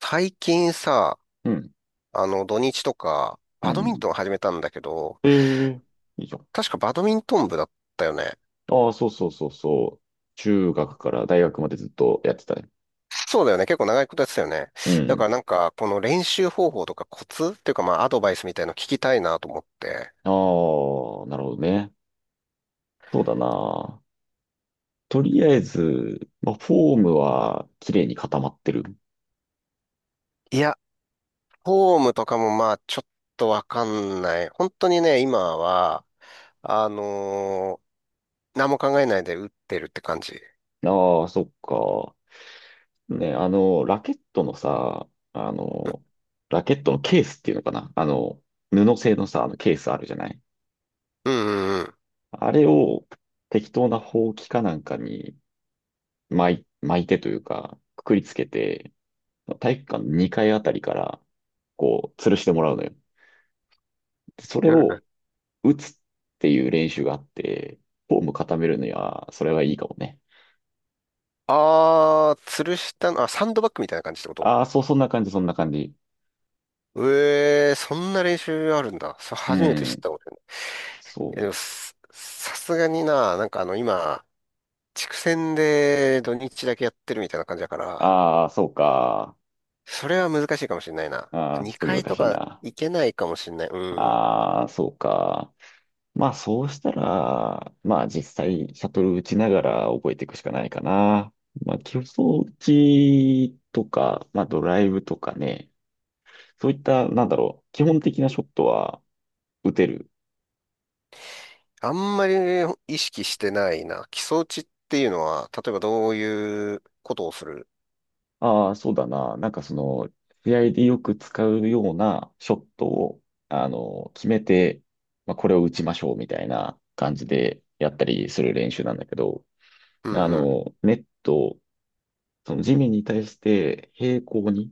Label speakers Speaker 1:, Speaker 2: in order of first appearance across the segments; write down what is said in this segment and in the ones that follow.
Speaker 1: 最近さ、
Speaker 2: うん、
Speaker 1: 土日とか、
Speaker 2: う
Speaker 1: バドミン
Speaker 2: ん。
Speaker 1: トン始めたんだけど、
Speaker 2: ええ、いいじゃん。
Speaker 1: 確かバドミントン部だったよね。
Speaker 2: ああ、そうそうそうそう。中学から大学までずっとやってたね。
Speaker 1: そうだよね。結構長いことやってたよね。
Speaker 2: う
Speaker 1: だか
Speaker 2: ん。
Speaker 1: らなんか、この練習方法とかコツっていうかまあ、アドバイスみたいの聞きたいなと思って。
Speaker 2: ああ、なるほどね。そうだな。とりあえず、まあ、フォームは綺麗に固まってる。
Speaker 1: いや、フォームとかもまあ、ちょっとわかんない。本当にね、今は、あのー何も考えないで打ってるって感じ。
Speaker 2: ああ、そっか。ね、あの、ラケットのさ、あ
Speaker 1: う
Speaker 2: の、ラケットのケースっていうのかな。あの、布製のさ、あのケースあるじゃない。
Speaker 1: んうん
Speaker 2: あれを適当なほうきかなんかに巻いてというか、くくりつけて、体育館の2階あたりから、こう、吊るしてもらうのよ。でそれ
Speaker 1: うん。う
Speaker 2: を
Speaker 1: ん。
Speaker 2: 打つっていう練習があって、フォーム固めるには、それはいいかもね。
Speaker 1: あー、吊るしたの、あ、サンドバッグみたいな感じってこと？
Speaker 2: ああ、そう、そんな感じ、そんな感じ。
Speaker 1: ええ、そんな練習あるんだ。それ
Speaker 2: う
Speaker 1: 初めて知っ
Speaker 2: ん、
Speaker 1: たことない。いやで
Speaker 2: そ
Speaker 1: も、
Speaker 2: う。
Speaker 1: さすがにな、なんか今、地区戦で土日だけやってるみたいな感じだから、
Speaker 2: ああ、そうか。
Speaker 1: それは難しいかもしれないな。
Speaker 2: ああ、ちょっ
Speaker 1: 2
Speaker 2: と
Speaker 1: 回
Speaker 2: 難
Speaker 1: と
Speaker 2: しい
Speaker 1: か
Speaker 2: な。
Speaker 1: 行けないかもしれない。うん。
Speaker 2: ああ、そうか。まあ、そうしたら、まあ、実際、シャトル打ちながら覚えていくしかないかな。まあ、基礎打ちとか、まあ、ドライブとかね、そういった、なんだろう、基本的なショットは打てる。
Speaker 1: あんまり意識してないな。基礎打ちっていうのは、例えばどういうことをする？
Speaker 2: ああ、そうだな。なんかその、試合でよく使うようなショットを、あの、決めて、まあ、これを打ちましょうみたいな感じでやったりする練習なんだけど、
Speaker 1: うん
Speaker 2: あ
Speaker 1: うん。
Speaker 2: の、ネット、その地面に対して平行に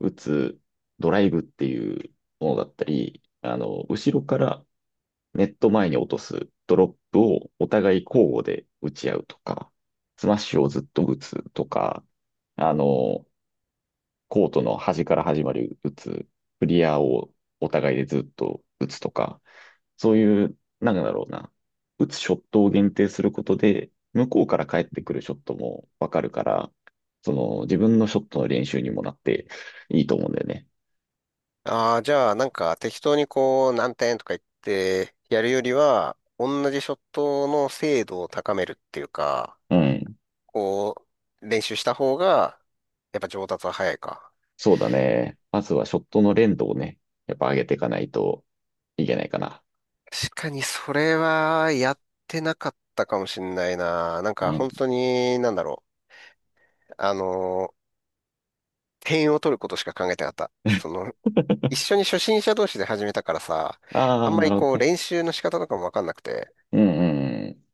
Speaker 2: 打つドライブっていうものだったり、あの、後ろからネット前に落とすドロップをお互い交互で打ち合うとか、スマッシュをずっと打つとか、あの、コートの端から始まる打つ、クリアをお互いでずっと打つとか、そういう、なんだろうな、打つショットを限定することで、向こうから返ってくるショットもわかるから、その自分のショットの練習にもなっていいと思うんだよね。
Speaker 1: ああ、じゃあなんか適当にこう何点とか言ってやるよりは、同じショットの精度を高めるっていうか、
Speaker 2: うん。
Speaker 1: こう、練習した方が、やっぱ上達は早いか。
Speaker 2: そうだね。まずはショットの連動をね、やっぱ上げていかないといけないかな。
Speaker 1: 確かにそれはやってなかったかもしんないな。なん
Speaker 2: う
Speaker 1: か
Speaker 2: ん。
Speaker 1: 本当に、なんだろう。点を取ることしか考えてなかった。その、一 緒に初心者同士で始めたからさ、
Speaker 2: あ
Speaker 1: あん
Speaker 2: あ、
Speaker 1: ま
Speaker 2: な
Speaker 1: り
Speaker 2: るほ
Speaker 1: こ
Speaker 2: ど
Speaker 1: う
Speaker 2: ね。
Speaker 1: 練習の仕方とかもわかんなくて。
Speaker 2: うんうんうん。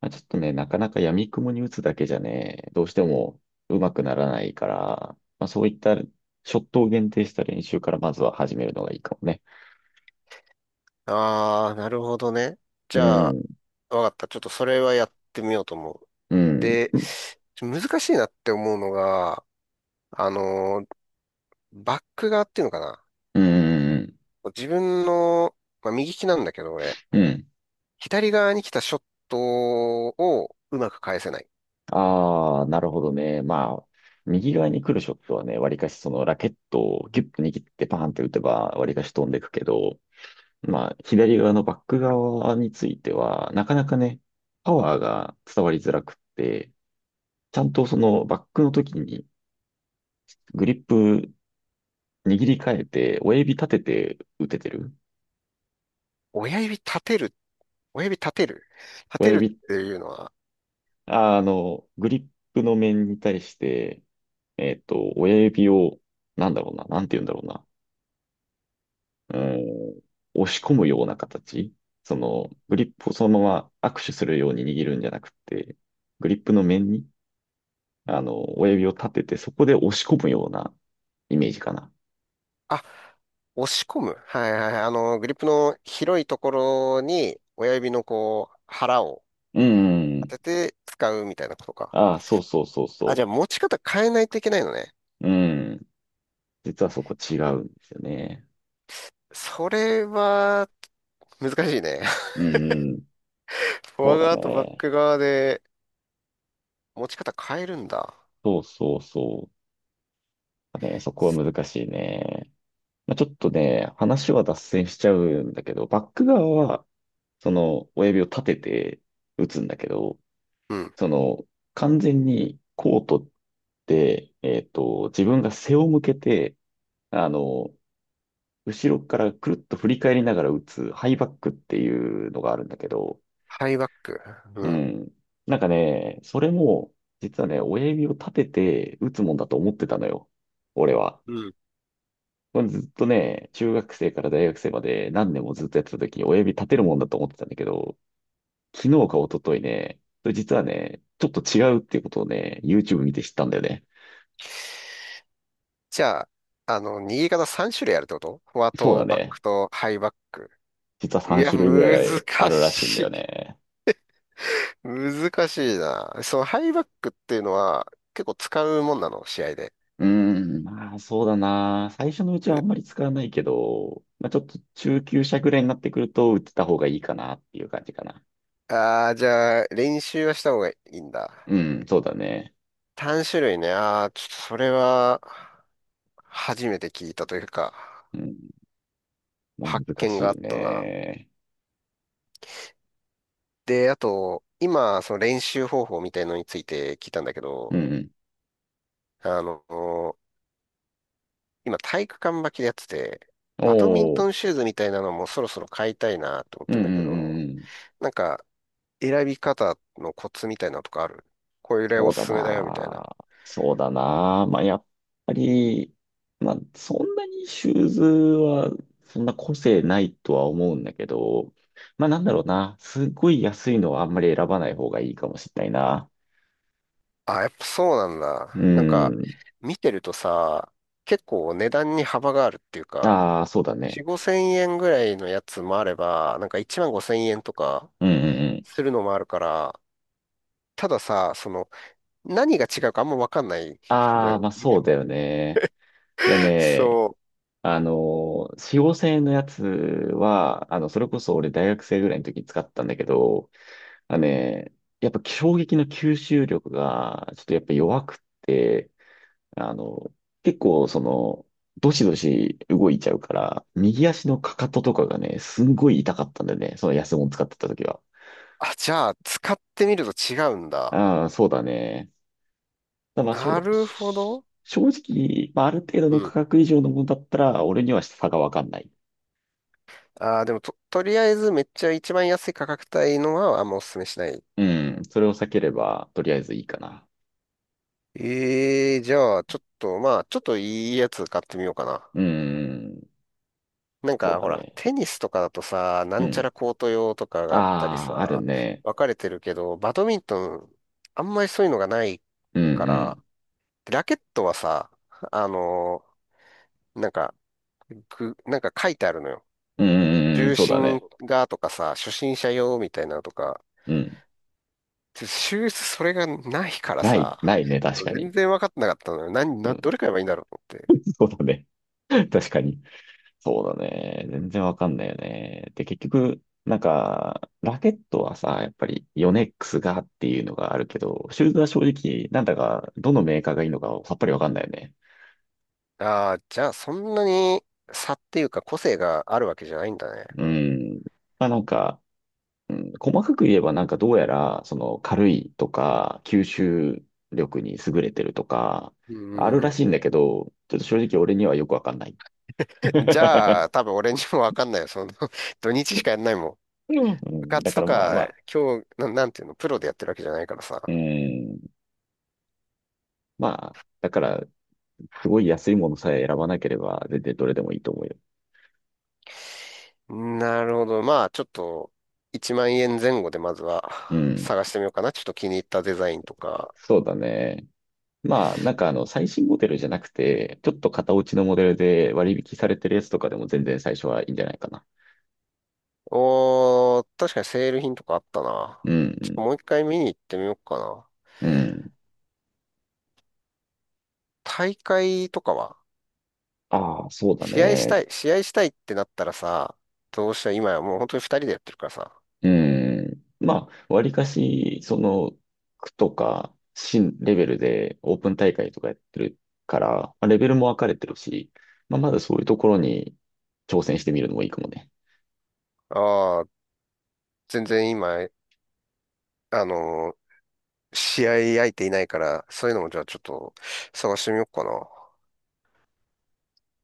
Speaker 2: まあ、ちょっとね、なかなか闇雲に打つだけじゃね、どうしても上手くならないから、まあ、そういったショットを限定した練習からまずは始めるのがいいかもね。
Speaker 1: ああ、なるほどね。
Speaker 2: う
Speaker 1: じゃあ、
Speaker 2: ん、
Speaker 1: わかった。ちょっとそれはやってみようと思う。
Speaker 2: うん、
Speaker 1: で、
Speaker 2: うん、
Speaker 1: 難しいなって思うのが、あの、バック側っていうのかな。
Speaker 2: うん、うん。
Speaker 1: 自分の、まあ、右利きなんだけど、俺、
Speaker 2: うん、
Speaker 1: 左側に来たショットをうまく返せない。
Speaker 2: ああ、なるほどね。まあ、右側に来るショットはね、わりかしそのラケットをギュッと握ってパーンって打てば、わりかし飛んでくけど、まあ、左側のバック側については、なかなかね、パワーが伝わりづらくって、ちゃんとそのバックの時にグリップ握り替えて、親指立てて打ててる。
Speaker 1: 親指立てる、親指立てる、立
Speaker 2: 親
Speaker 1: てるっ
Speaker 2: 指、
Speaker 1: ていうのは、
Speaker 2: あの、グリップの面に対して、親指を、なんだろうな、なんて言うんだろうな。うん、押し込むような形。その、グリップをそのまま握手するように握るんじゃなくて、グリップの面に、あの、親指を立てて、そこで押し込むようなイメージかな。
Speaker 1: あ、押し込む。はいはいはい。グリップの広いところに親指のこう、腹を
Speaker 2: う
Speaker 1: 当
Speaker 2: ん。
Speaker 1: てて使うみたいなことか。
Speaker 2: ああ、そうそうそう
Speaker 1: あ、じ
Speaker 2: そ
Speaker 1: ゃあ持ち方変えないといけないのね。
Speaker 2: う。うん。実はそこ違うんですよね。
Speaker 1: それは難しいね。
Speaker 2: うん。
Speaker 1: フォ
Speaker 2: そ
Speaker 1: ア
Speaker 2: うだ
Speaker 1: 側とバッ
Speaker 2: ね。
Speaker 1: ク側で持ち方変えるんだ。
Speaker 2: そうそうそう。ね、そこは難しいね。まあ、ちょっとね、話は脱線しちゃうんだけど、バック側はその親指を立てて打つんだけど、
Speaker 1: うん。
Speaker 2: その完全にコートって、自分が背を向けて、あの、後ろからくるっと振り返りながら打つハイバックっていうのがあるんだけど、
Speaker 1: ハイバック。う
Speaker 2: う
Speaker 1: ん。
Speaker 2: ん。なんかね、それも、実はね、親指を立てて打つもんだと思ってたのよ。俺は。
Speaker 1: うん。
Speaker 2: これずっとね、中学生から大学生まで何年もずっとやってた時に親指立てるもんだと思ってたんだけど、昨日か一昨日ね、それ実はね、ちょっと違うっていうことをね、YouTube 見て知ったんだよね。
Speaker 1: じゃあ、握り方3種類あるってこと？フォア
Speaker 2: そうだ
Speaker 1: とバッ
Speaker 2: ね。
Speaker 1: クとハイバック。
Speaker 2: 実は
Speaker 1: い
Speaker 2: 3
Speaker 1: や、
Speaker 2: 種類ぐ
Speaker 1: 難
Speaker 2: らいあるらしいんだ
Speaker 1: し
Speaker 2: よ
Speaker 1: い。
Speaker 2: ね。
Speaker 1: 難しいな。そのハイバックっていうのは結構使うもんなの、試合で？
Speaker 2: うーん、まあそうだな。最初のうちはあんまり使わないけど、まあちょっと中級者ぐらいになってくると打ってた方がいいかなっていう感じかな。
Speaker 1: ああー、じゃあ、練習はした方がいいんだ。
Speaker 2: うん、そうだね。
Speaker 1: 3種類ね。ああ、ちょっとそれは初めて聞いたというか、
Speaker 2: うん、まあ
Speaker 1: 発
Speaker 2: 難
Speaker 1: 見
Speaker 2: し
Speaker 1: があ
Speaker 2: い
Speaker 1: ったな。
Speaker 2: ね。
Speaker 1: で、あと、今、その練習方法みたいのについて聞いたんだけ
Speaker 2: う
Speaker 1: ど、
Speaker 2: ん。
Speaker 1: あの、今体育館履きでやってて、バドミン
Speaker 2: お
Speaker 1: ト
Speaker 2: ー、
Speaker 1: ンシューズみたいなのもそろそろ買いたいなと思っ
Speaker 2: うん
Speaker 1: て
Speaker 2: う
Speaker 1: ん
Speaker 2: んう
Speaker 1: だけ
Speaker 2: んう
Speaker 1: ど、
Speaker 2: ん。
Speaker 1: なんか選び方のコツみたいなのとかある？これ
Speaker 2: そ
Speaker 1: お
Speaker 2: う
Speaker 1: す
Speaker 2: だ
Speaker 1: すめだよみたいな。
Speaker 2: な。そうだな。まあ、やっぱり、まあ、そんなにシューズは、そんな個性ないとは思うんだけど、まあ、なんだろうな。すっごい安いのはあんまり選ばない方がいいかもしれないな。
Speaker 1: あ、やっぱそうなんだ。
Speaker 2: う
Speaker 1: なんか
Speaker 2: ん。
Speaker 1: 見てるとさ、結構値段に幅があるっていうか、
Speaker 2: ああ、そうだね。
Speaker 1: 4、5千円ぐらいのやつもあれば、なんか1万5千円とか
Speaker 2: うんうんうん。
Speaker 1: するのもあるから、たださ、その何が違うかあんまわかんないの
Speaker 2: ああ、
Speaker 1: よ、
Speaker 2: まあ、
Speaker 1: 見
Speaker 2: そ
Speaker 1: て
Speaker 2: うだ
Speaker 1: も。
Speaker 2: よね。いやね、
Speaker 1: そう。
Speaker 2: 使用性のやつは、あの、それこそ俺大学生ぐらいの時に使ったんだけど、あね、やっぱ衝撃の吸収力が、ちょっとやっぱ弱くって、あの、結構その、どしどし動いちゃうから、右足のかかととかがね、すんごい痛かったんだよね。その安物使ってた時は。
Speaker 1: あ、じゃあ、使ってみると違うんだ。
Speaker 2: ああ、そうだね。ただまあ、し
Speaker 1: な
Speaker 2: ょ、
Speaker 1: るほ
Speaker 2: し
Speaker 1: ど。
Speaker 2: 正直、まあ、ある程度
Speaker 1: う
Speaker 2: の価
Speaker 1: ん。
Speaker 2: 格以上のものだったら、俺には差がわかんない。
Speaker 1: ああ、でも、とりあえずめっちゃ一番安い価格帯のはあんまおすすめしない。
Speaker 2: うん。それを避ければ、とりあえずいいかな。
Speaker 1: ええ、じゃあ、ちょっと、まあ、ちょっといいやつ買ってみようかな。
Speaker 2: うん。
Speaker 1: なん
Speaker 2: そう
Speaker 1: か、
Speaker 2: だ
Speaker 1: ほら、
Speaker 2: ね。
Speaker 1: テニスとかだとさ、な
Speaker 2: う
Speaker 1: んちゃ
Speaker 2: ん。
Speaker 1: らコート用とかがあったり
Speaker 2: ああ、ある
Speaker 1: さ、
Speaker 2: ね。
Speaker 1: 分かれてるけど、バドミントン、あんまりそういうのがない
Speaker 2: うんう
Speaker 1: から、
Speaker 2: ん
Speaker 1: ラケットはさ、あのなんか、なんか書いてあるのよ。
Speaker 2: うんうんうん、
Speaker 1: 重
Speaker 2: そうだ
Speaker 1: 心
Speaker 2: ね。
Speaker 1: がとかさ、初心者用みたいなのとか、
Speaker 2: うん。
Speaker 1: 修正それがないから
Speaker 2: ない、
Speaker 1: さ、
Speaker 2: ないね、確かに。
Speaker 1: 全然分かってなかったのよ。
Speaker 2: う
Speaker 1: ど
Speaker 2: ん。
Speaker 1: れ買えばいいんだろうと思って。
Speaker 2: そうだね。確かに。そうだね。全然わかんないよね。で、結局、なんか、ラケットはさ、やっぱりヨネックスがっていうのがあるけど、シューズは正直、なんだか、どのメーカーがいいのかさっぱりわかんないよね。
Speaker 1: ああ、じゃあそんなに差っていうか個性があるわけじゃないんだね。
Speaker 2: うん。まあなんか、うん、細かく言えばなんかどうやら、その軽いとか、吸収力に優れてるとか、
Speaker 1: うんう
Speaker 2: ある
Speaker 1: んう
Speaker 2: ら
Speaker 1: ん。
Speaker 2: しいんだけど、ちょっと正直俺にはよくわかんない。
Speaker 1: じゃ あ、多分俺にも分かんないよ。その 土日しかやんないもん。
Speaker 2: う
Speaker 1: 部
Speaker 2: んだ
Speaker 1: 活
Speaker 2: か
Speaker 1: と
Speaker 2: らまあま
Speaker 1: か、
Speaker 2: あ、
Speaker 1: 今日、なんていうの、プロでやってるわけじゃないから
Speaker 2: う
Speaker 1: さ。
Speaker 2: ん、まあ、だから、すごい安いものさえ選ばなければ、全然どれでもいいと思うよ。
Speaker 1: なるほど。まあ、ちょっと、1万円前後でまずは
Speaker 2: う ん、
Speaker 1: 探してみようかな。ちょっと気に入ったデザインとか。
Speaker 2: そうだね。まあ、なんかあの、最新モデルじゃなくて、ちょっと型落ちのモデルで割引されてるやつとかでも全然最初はいいんじゃないかな。
Speaker 1: おー、確かにセール品とかあったな。
Speaker 2: う
Speaker 1: ちょっと
Speaker 2: ん、
Speaker 1: もう一回見に行ってみようかな。
Speaker 2: うん。うん、
Speaker 1: 大会とかは
Speaker 2: ああ、そうだ
Speaker 1: 試合し
Speaker 2: ね。
Speaker 1: たい、試合したいってなったらさ、どうしたら今やもう本当に二人でやってるからさ。
Speaker 2: うん。まあ、わりかし、その、区とか、新レベルでオープン大会とかやってるから、まあレベルも分かれてるし、まあ、まだそういうところに挑戦してみるのもいいかもね。
Speaker 1: ああ、全然今、あのー試合相手いないから、そういうのもじゃあちょっと探してみようかな。